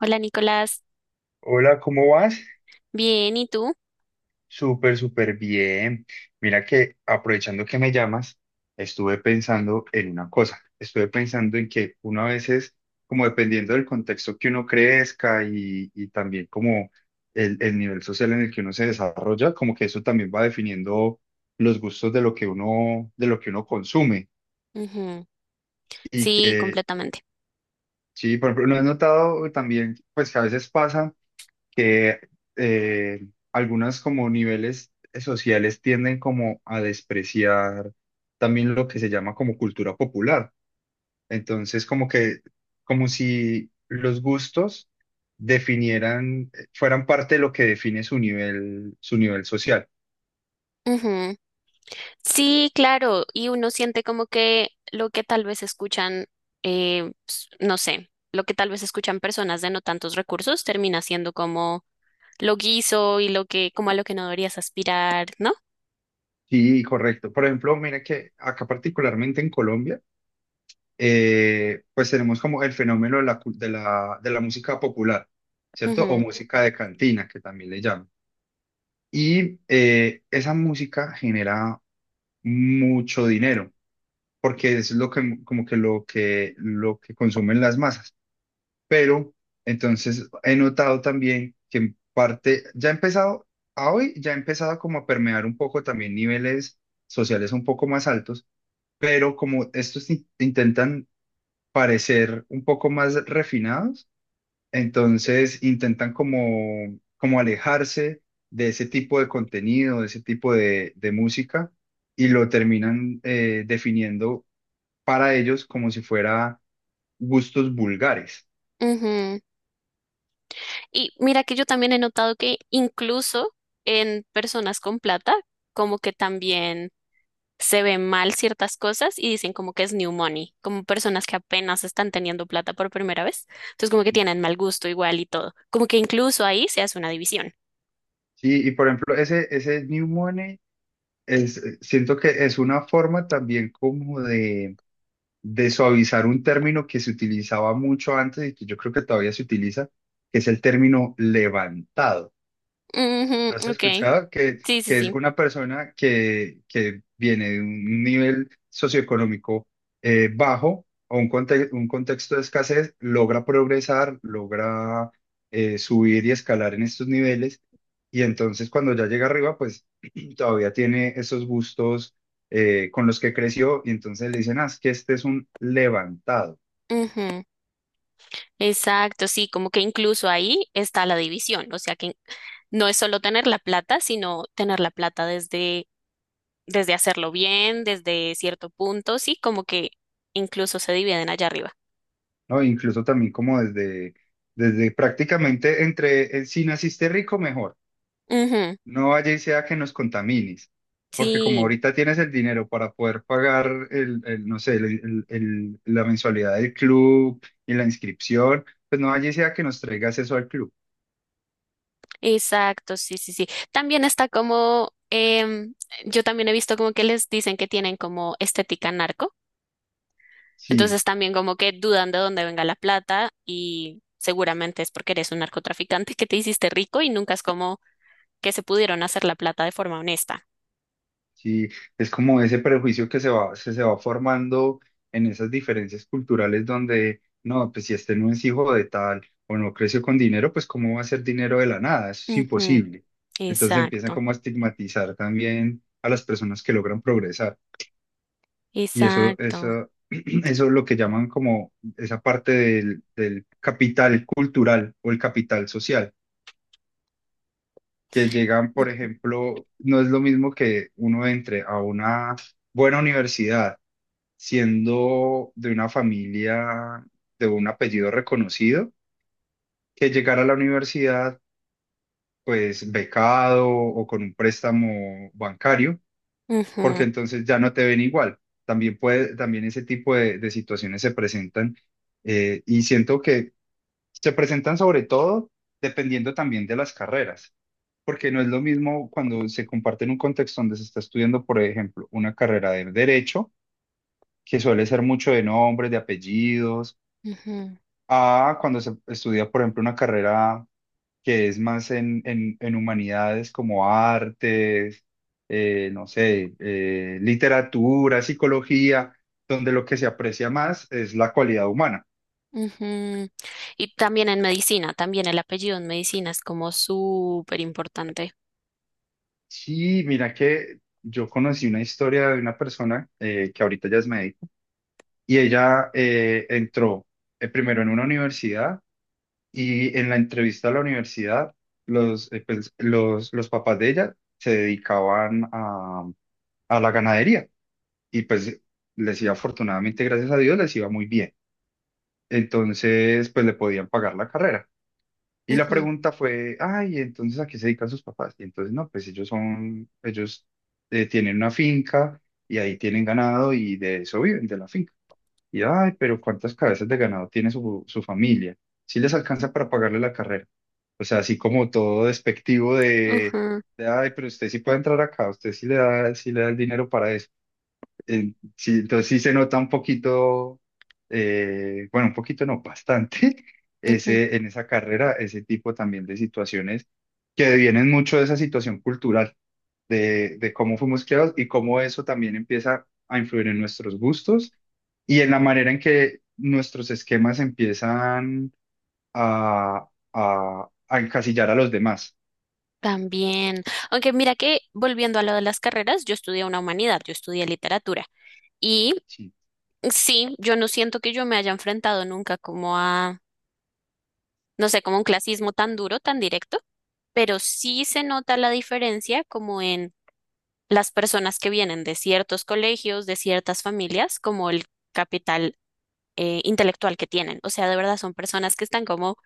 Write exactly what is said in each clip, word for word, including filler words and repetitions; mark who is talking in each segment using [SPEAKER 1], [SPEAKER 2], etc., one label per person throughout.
[SPEAKER 1] Hola Nicolás,
[SPEAKER 2] Hola, ¿cómo vas?
[SPEAKER 1] bien, ¿y tú?
[SPEAKER 2] Súper, súper bien. Mira que aprovechando que me llamas, estuve pensando en una cosa. Estuve pensando en que uno a veces, como dependiendo del contexto que uno crezca y, y también como el, el nivel social en el que uno se desarrolla, como que eso también va definiendo los gustos de lo que uno, de lo que uno consume.
[SPEAKER 1] Ujú.
[SPEAKER 2] Y
[SPEAKER 1] Sí,
[SPEAKER 2] que,
[SPEAKER 1] completamente.
[SPEAKER 2] sí, por ejemplo, no he notado también, pues que a veces pasa. Que eh, algunas como niveles sociales tienden como a despreciar también lo que se llama como cultura popular. Entonces, como que, como si los gustos definieran, eh, fueran parte de lo que define su nivel, su nivel social.
[SPEAKER 1] Ujú. Sí, claro, y uno siente como que lo que tal vez escuchan, eh, s- no sé, lo que tal vez escuchan personas de no tantos recursos termina siendo como lo guiso y lo que, como a lo que no deberías aspirar, ¿no?
[SPEAKER 2] Sí, correcto. Por ejemplo, mire que acá particularmente en Colombia, eh, pues tenemos como el fenómeno de la, cul- de la, de la música popular, ¿cierto? O
[SPEAKER 1] Ujú,
[SPEAKER 2] música de cantina, que también le llaman. Y eh, esa música genera mucho dinero, porque es lo que, como que lo que, lo que consumen las masas. Pero entonces he notado también que en parte, ya ha empezado, a hoy ya ha empezado como a permear un poco también niveles sociales un poco más altos, pero como estos in- intentan parecer un poco más refinados, entonces intentan como, como alejarse de ese tipo de contenido, de ese tipo de, de música, y lo terminan eh, definiendo para ellos como si fuera gustos vulgares.
[SPEAKER 1] ujú. Y mira que yo también he notado que incluso en personas con plata, como que también se ven mal ciertas cosas y dicen como que es new money, como personas que apenas están teniendo plata por primera vez. Entonces como que tienen mal gusto igual y todo. Como que incluso ahí se hace una división.
[SPEAKER 2] Sí, y por ejemplo, ese, ese New Money es, eh, siento que es una forma también como de, de suavizar un término que se utilizaba mucho antes y que yo creo que todavía se utiliza, que es el término levantado. ¿Has
[SPEAKER 1] Ujú, ok,
[SPEAKER 2] escuchado que,
[SPEAKER 1] sí, sí,
[SPEAKER 2] que es
[SPEAKER 1] sí.
[SPEAKER 2] una persona que, que viene de un nivel socioeconómico eh, bajo o un, conte- un contexto de escasez, logra progresar, logra eh, subir y escalar en estos niveles? Y entonces cuando ya llega arriba, pues todavía tiene esos gustos eh, con los que creció y entonces le dicen, ah, es que este es un levantado,
[SPEAKER 1] Ujú. Exacto, sí, como que incluso ahí está la división, o sea que no es solo tener la plata, sino tener la plata desde desde hacerlo bien, desde cierto punto, sí, como que incluso se dividen allá arriba.
[SPEAKER 2] ¿no? Incluso también como desde, desde prácticamente entre, eh, si naciste rico, mejor.
[SPEAKER 1] Ujú,
[SPEAKER 2] No vaya y sea que nos contamines, porque como
[SPEAKER 1] sí,
[SPEAKER 2] ahorita tienes el dinero para poder pagar el, el, no sé, el- el- el- la mensualidad del club y la inscripción, pues no vaya y sea que nos traigas eso al club.
[SPEAKER 1] exacto, sí, sí, sí. También está como, em, yo también he visto como que les dicen que tienen como estética narco,
[SPEAKER 2] Sí,
[SPEAKER 1] entonces también como que dudan de dónde venga la plata y seguramente es porque eres un narcotraficante que te hiciste rico y nunca es como que se pudieron hacer la plata de forma honesta.
[SPEAKER 2] sí, es como ese prejuicio que se va, se, se va formando en esas diferencias culturales donde, no, pues si este no es hijo de tal o no creció con dinero, pues cómo va a ser dinero de la nada, eso es
[SPEAKER 1] Ujú,
[SPEAKER 2] imposible. Entonces empiezan
[SPEAKER 1] exacto,
[SPEAKER 2] como a estigmatizar también a las personas que logran progresar. Y eso,
[SPEAKER 1] exacto.
[SPEAKER 2] eso, eso es lo que llaman como esa parte del, del capital cultural o el capital social, que llegan, por
[SPEAKER 1] Ujú.
[SPEAKER 2] ejemplo, no es lo mismo que uno entre a una buena universidad siendo de una familia de un apellido reconocido, que llegar a la universidad pues becado o con un préstamo bancario, porque
[SPEAKER 1] Ujú,
[SPEAKER 2] entonces ya no te ven igual. También puede, también ese tipo de, de situaciones se presentan, eh, y siento que se presentan sobre todo dependiendo también de las carreras, porque no es lo mismo cuando se comparte en un contexto donde se está estudiando, por ejemplo, una carrera de derecho, que suele ser mucho de nombres, de apellidos,
[SPEAKER 1] ujú,
[SPEAKER 2] a cuando se estudia, por ejemplo, una carrera que es más en, en- en humanidades como artes, eh, no sé, eh, literatura, psicología, donde lo que se aprecia más es la cualidad humana.
[SPEAKER 1] ujú. Y también en medicina, también el apellido en medicina es como súper importante.
[SPEAKER 2] Sí, mira que yo conocí una historia de una persona eh, que ahorita ya es médico y ella eh, entró eh, primero en una universidad y en la entrevista a la universidad, los, eh, pues, los, los papás de ella se dedicaban a a la ganadería. Y pues les iba afortunadamente, gracias a Dios, les iba muy bien. Entonces, pues le podían pagar la carrera. Y la
[SPEAKER 1] Ujú,
[SPEAKER 2] pregunta fue, ay, entonces ¿a qué se dedican sus papás? Y entonces, no, pues ellos son, ellos eh, tienen una finca y ahí tienen ganado y de eso viven, de la finca. Y, ay, pero ¿cuántas cabezas de ganado tiene su, su familia? Si les alcanza para pagarle la carrera. O sea, así como todo despectivo de,
[SPEAKER 1] ujú,
[SPEAKER 2] de, ay, pero usted sí puede entrar acá, usted sí le da, sí le da el dinero para eso. En- sí, entonces sí se nota un poquito, eh, bueno, un poquito no, bastante,
[SPEAKER 1] ujú,
[SPEAKER 2] ese, en esa carrera, ese tipo también de situaciones que vienen mucho de esa situación cultural, de, de cómo fuimos criados y cómo eso también empieza a influir en nuestros gustos y en la manera en que nuestros esquemas empiezan a, a, a encasillar a los demás.
[SPEAKER 1] también. Aunque mira que volviendo a lo de las carreras, yo estudié una humanidad, yo estudié literatura. Y
[SPEAKER 2] ¿Sí?
[SPEAKER 1] sí, yo no siento que yo me haya enfrentado nunca como no sé, como un clasismo tan duro, tan directo, pero sí se nota la diferencia como en las personas que vienen de ciertos colegios, de ciertas familias, como el capital eh, intelectual que tienen. O sea, de verdad son personas que están como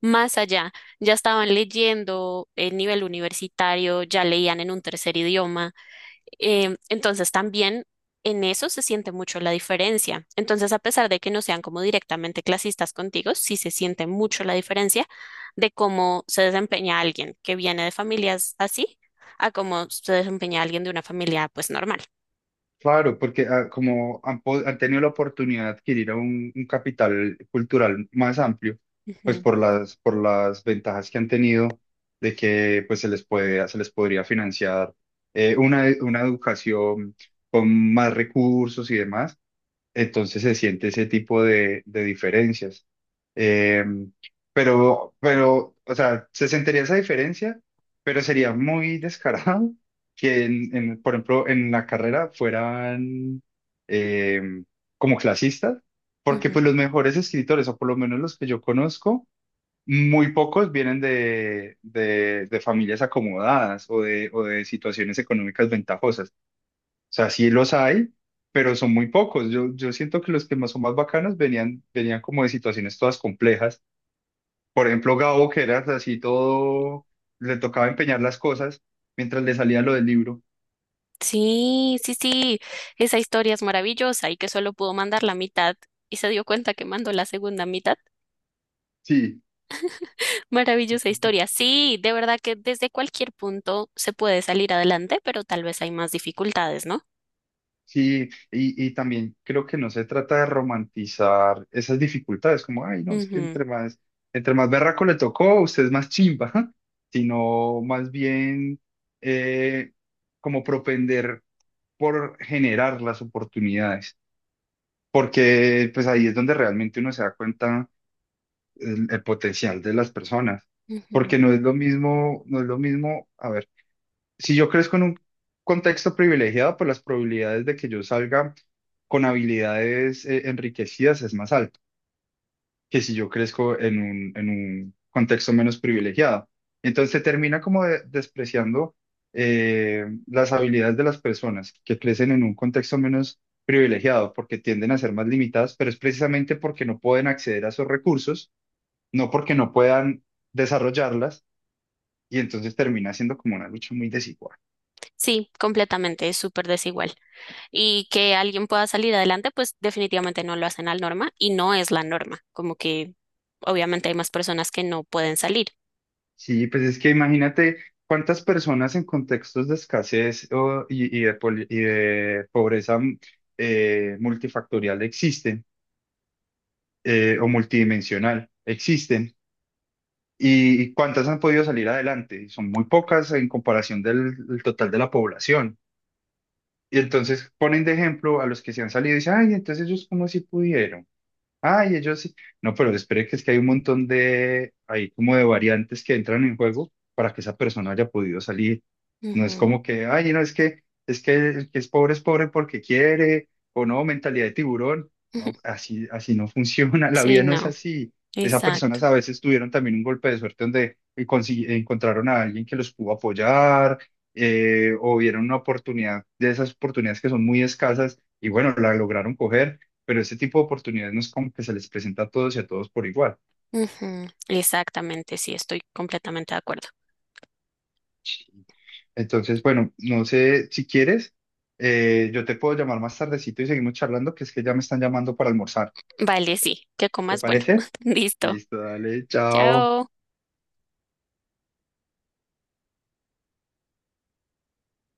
[SPEAKER 1] más allá, ya estaban leyendo en nivel universitario, ya leían en un tercer idioma. Em, entonces también en eso se siente mucho la diferencia. Entonces, a pesar de que no sean como directamente clasistas contigo, sí se siente mucho la diferencia de cómo se desempeña alguien que viene de familias así a cómo se desempeña alguien de una familia pues normal.
[SPEAKER 2] Claro, porque ah, como han, po- han tenido la oportunidad de adquirir un, un capital cultural más amplio, pues
[SPEAKER 1] Ujú,
[SPEAKER 2] por las, por las ventajas que han tenido de que pues se les puede, se les podría financiar eh, una, una educación con más recursos y demás, entonces se siente ese tipo de, de diferencias. Eh, pero, pero, o sea, se sentiría esa diferencia, pero sería muy descarado que, en, en, por ejemplo, en la carrera fueran eh, como clasistas, porque
[SPEAKER 1] ujú.
[SPEAKER 2] pues los mejores escritores, o por lo menos los que yo conozco, muy pocos vienen de, de, de familias acomodadas o de, o de situaciones económicas ventajosas, sea, sí los hay, pero son muy pocos. Yo, yo siento que los que más son más bacanos venían, venían como de situaciones todas complejas. Por ejemplo, Gabo, que era así todo, le tocaba empeñar las cosas mientras le salía lo del libro.
[SPEAKER 1] Sí, sí, sí, esa historia es maravillosa y que solo pudo mandar la mitad y se dio cuenta que mandó la segunda mitad.
[SPEAKER 2] Sí,
[SPEAKER 1] Maravillosa historia. Sí, de verdad que desde cualquier punto se puede salir adelante, pero tal vez hay más dificultades, ¿no?
[SPEAKER 2] sí, y, y también creo que no se trata de romantizar esas dificultades, como, ay, no, es que
[SPEAKER 1] Ujú,
[SPEAKER 2] entre más, entre más berraco le tocó, usted es más chimba, sino más bien eh, como propender por generar las oportunidades, porque pues ahí es donde realmente uno se da cuenta el, el potencial de las personas,
[SPEAKER 1] ujú.
[SPEAKER 2] porque no es lo mismo, no es lo mismo, a ver, si yo crezco en un contexto privilegiado, pues las probabilidades de que yo salga con habilidades eh, enriquecidas es más alta que si yo crezco en un, en un contexto menos privilegiado. Entonces se termina como de- despreciando eh, las habilidades de las personas que crecen en un contexto menos privilegiado porque tienden a ser más limitadas, pero es precisamente porque no pueden acceder a esos recursos, no porque no puedan desarrollarlas, y entonces termina siendo como una lucha muy desigual.
[SPEAKER 1] Sí, completamente, es súper desigual. Y que alguien pueda salir adelante, pues definitivamente no lo hacen al norma y no es la norma, como que obviamente hay más personas que no pueden salir.
[SPEAKER 2] Sí, pues es que imagínate cuántas personas en contextos de escasez o- y, y de, poli- y de pobreza mm, eh, multifactorial existen, eh, o multidimensional existen y, y cuántas han podido salir adelante. Y son muy pocas en comparación del, del total de la población. Y entonces ponen de ejemplo a los que se han salido y dicen, ay, entonces ellos como si pudieron. Ay, ellos sí. No, pero espere que es que hay un montón de, hay como de variantes que entran en juego para que esa persona haya podido salir. No es
[SPEAKER 1] Ujú,
[SPEAKER 2] como que, ay, no, es que, es que el que es pobre es pobre porque quiere, o no, mentalidad de tiburón.
[SPEAKER 1] ujú.
[SPEAKER 2] No, así, así no funciona, la
[SPEAKER 1] Sí,
[SPEAKER 2] vida no es
[SPEAKER 1] no,
[SPEAKER 2] así. Esas
[SPEAKER 1] exacto.
[SPEAKER 2] personas a veces tuvieron también un golpe de suerte donde consi- encontraron a alguien que los pudo apoyar, eh, o vieron una oportunidad, de esas oportunidades que son muy escasas, y bueno, la lograron coger, pero ese tipo de oportunidades no es como que se les presenta a todos y a todos por igual.
[SPEAKER 1] Ujú, exactamente, sí, estoy completamente de acuerdo.
[SPEAKER 2] Sí. Entonces, bueno, no sé si quieres, eh, yo te puedo llamar más tardecito y seguimos charlando, que es que ya me están llamando para almorzar.
[SPEAKER 1] Vale, sí, que
[SPEAKER 2] ¿Te
[SPEAKER 1] comas bueno.
[SPEAKER 2] parece?
[SPEAKER 1] Listo.
[SPEAKER 2] Listo, dale, chao.
[SPEAKER 1] Chao.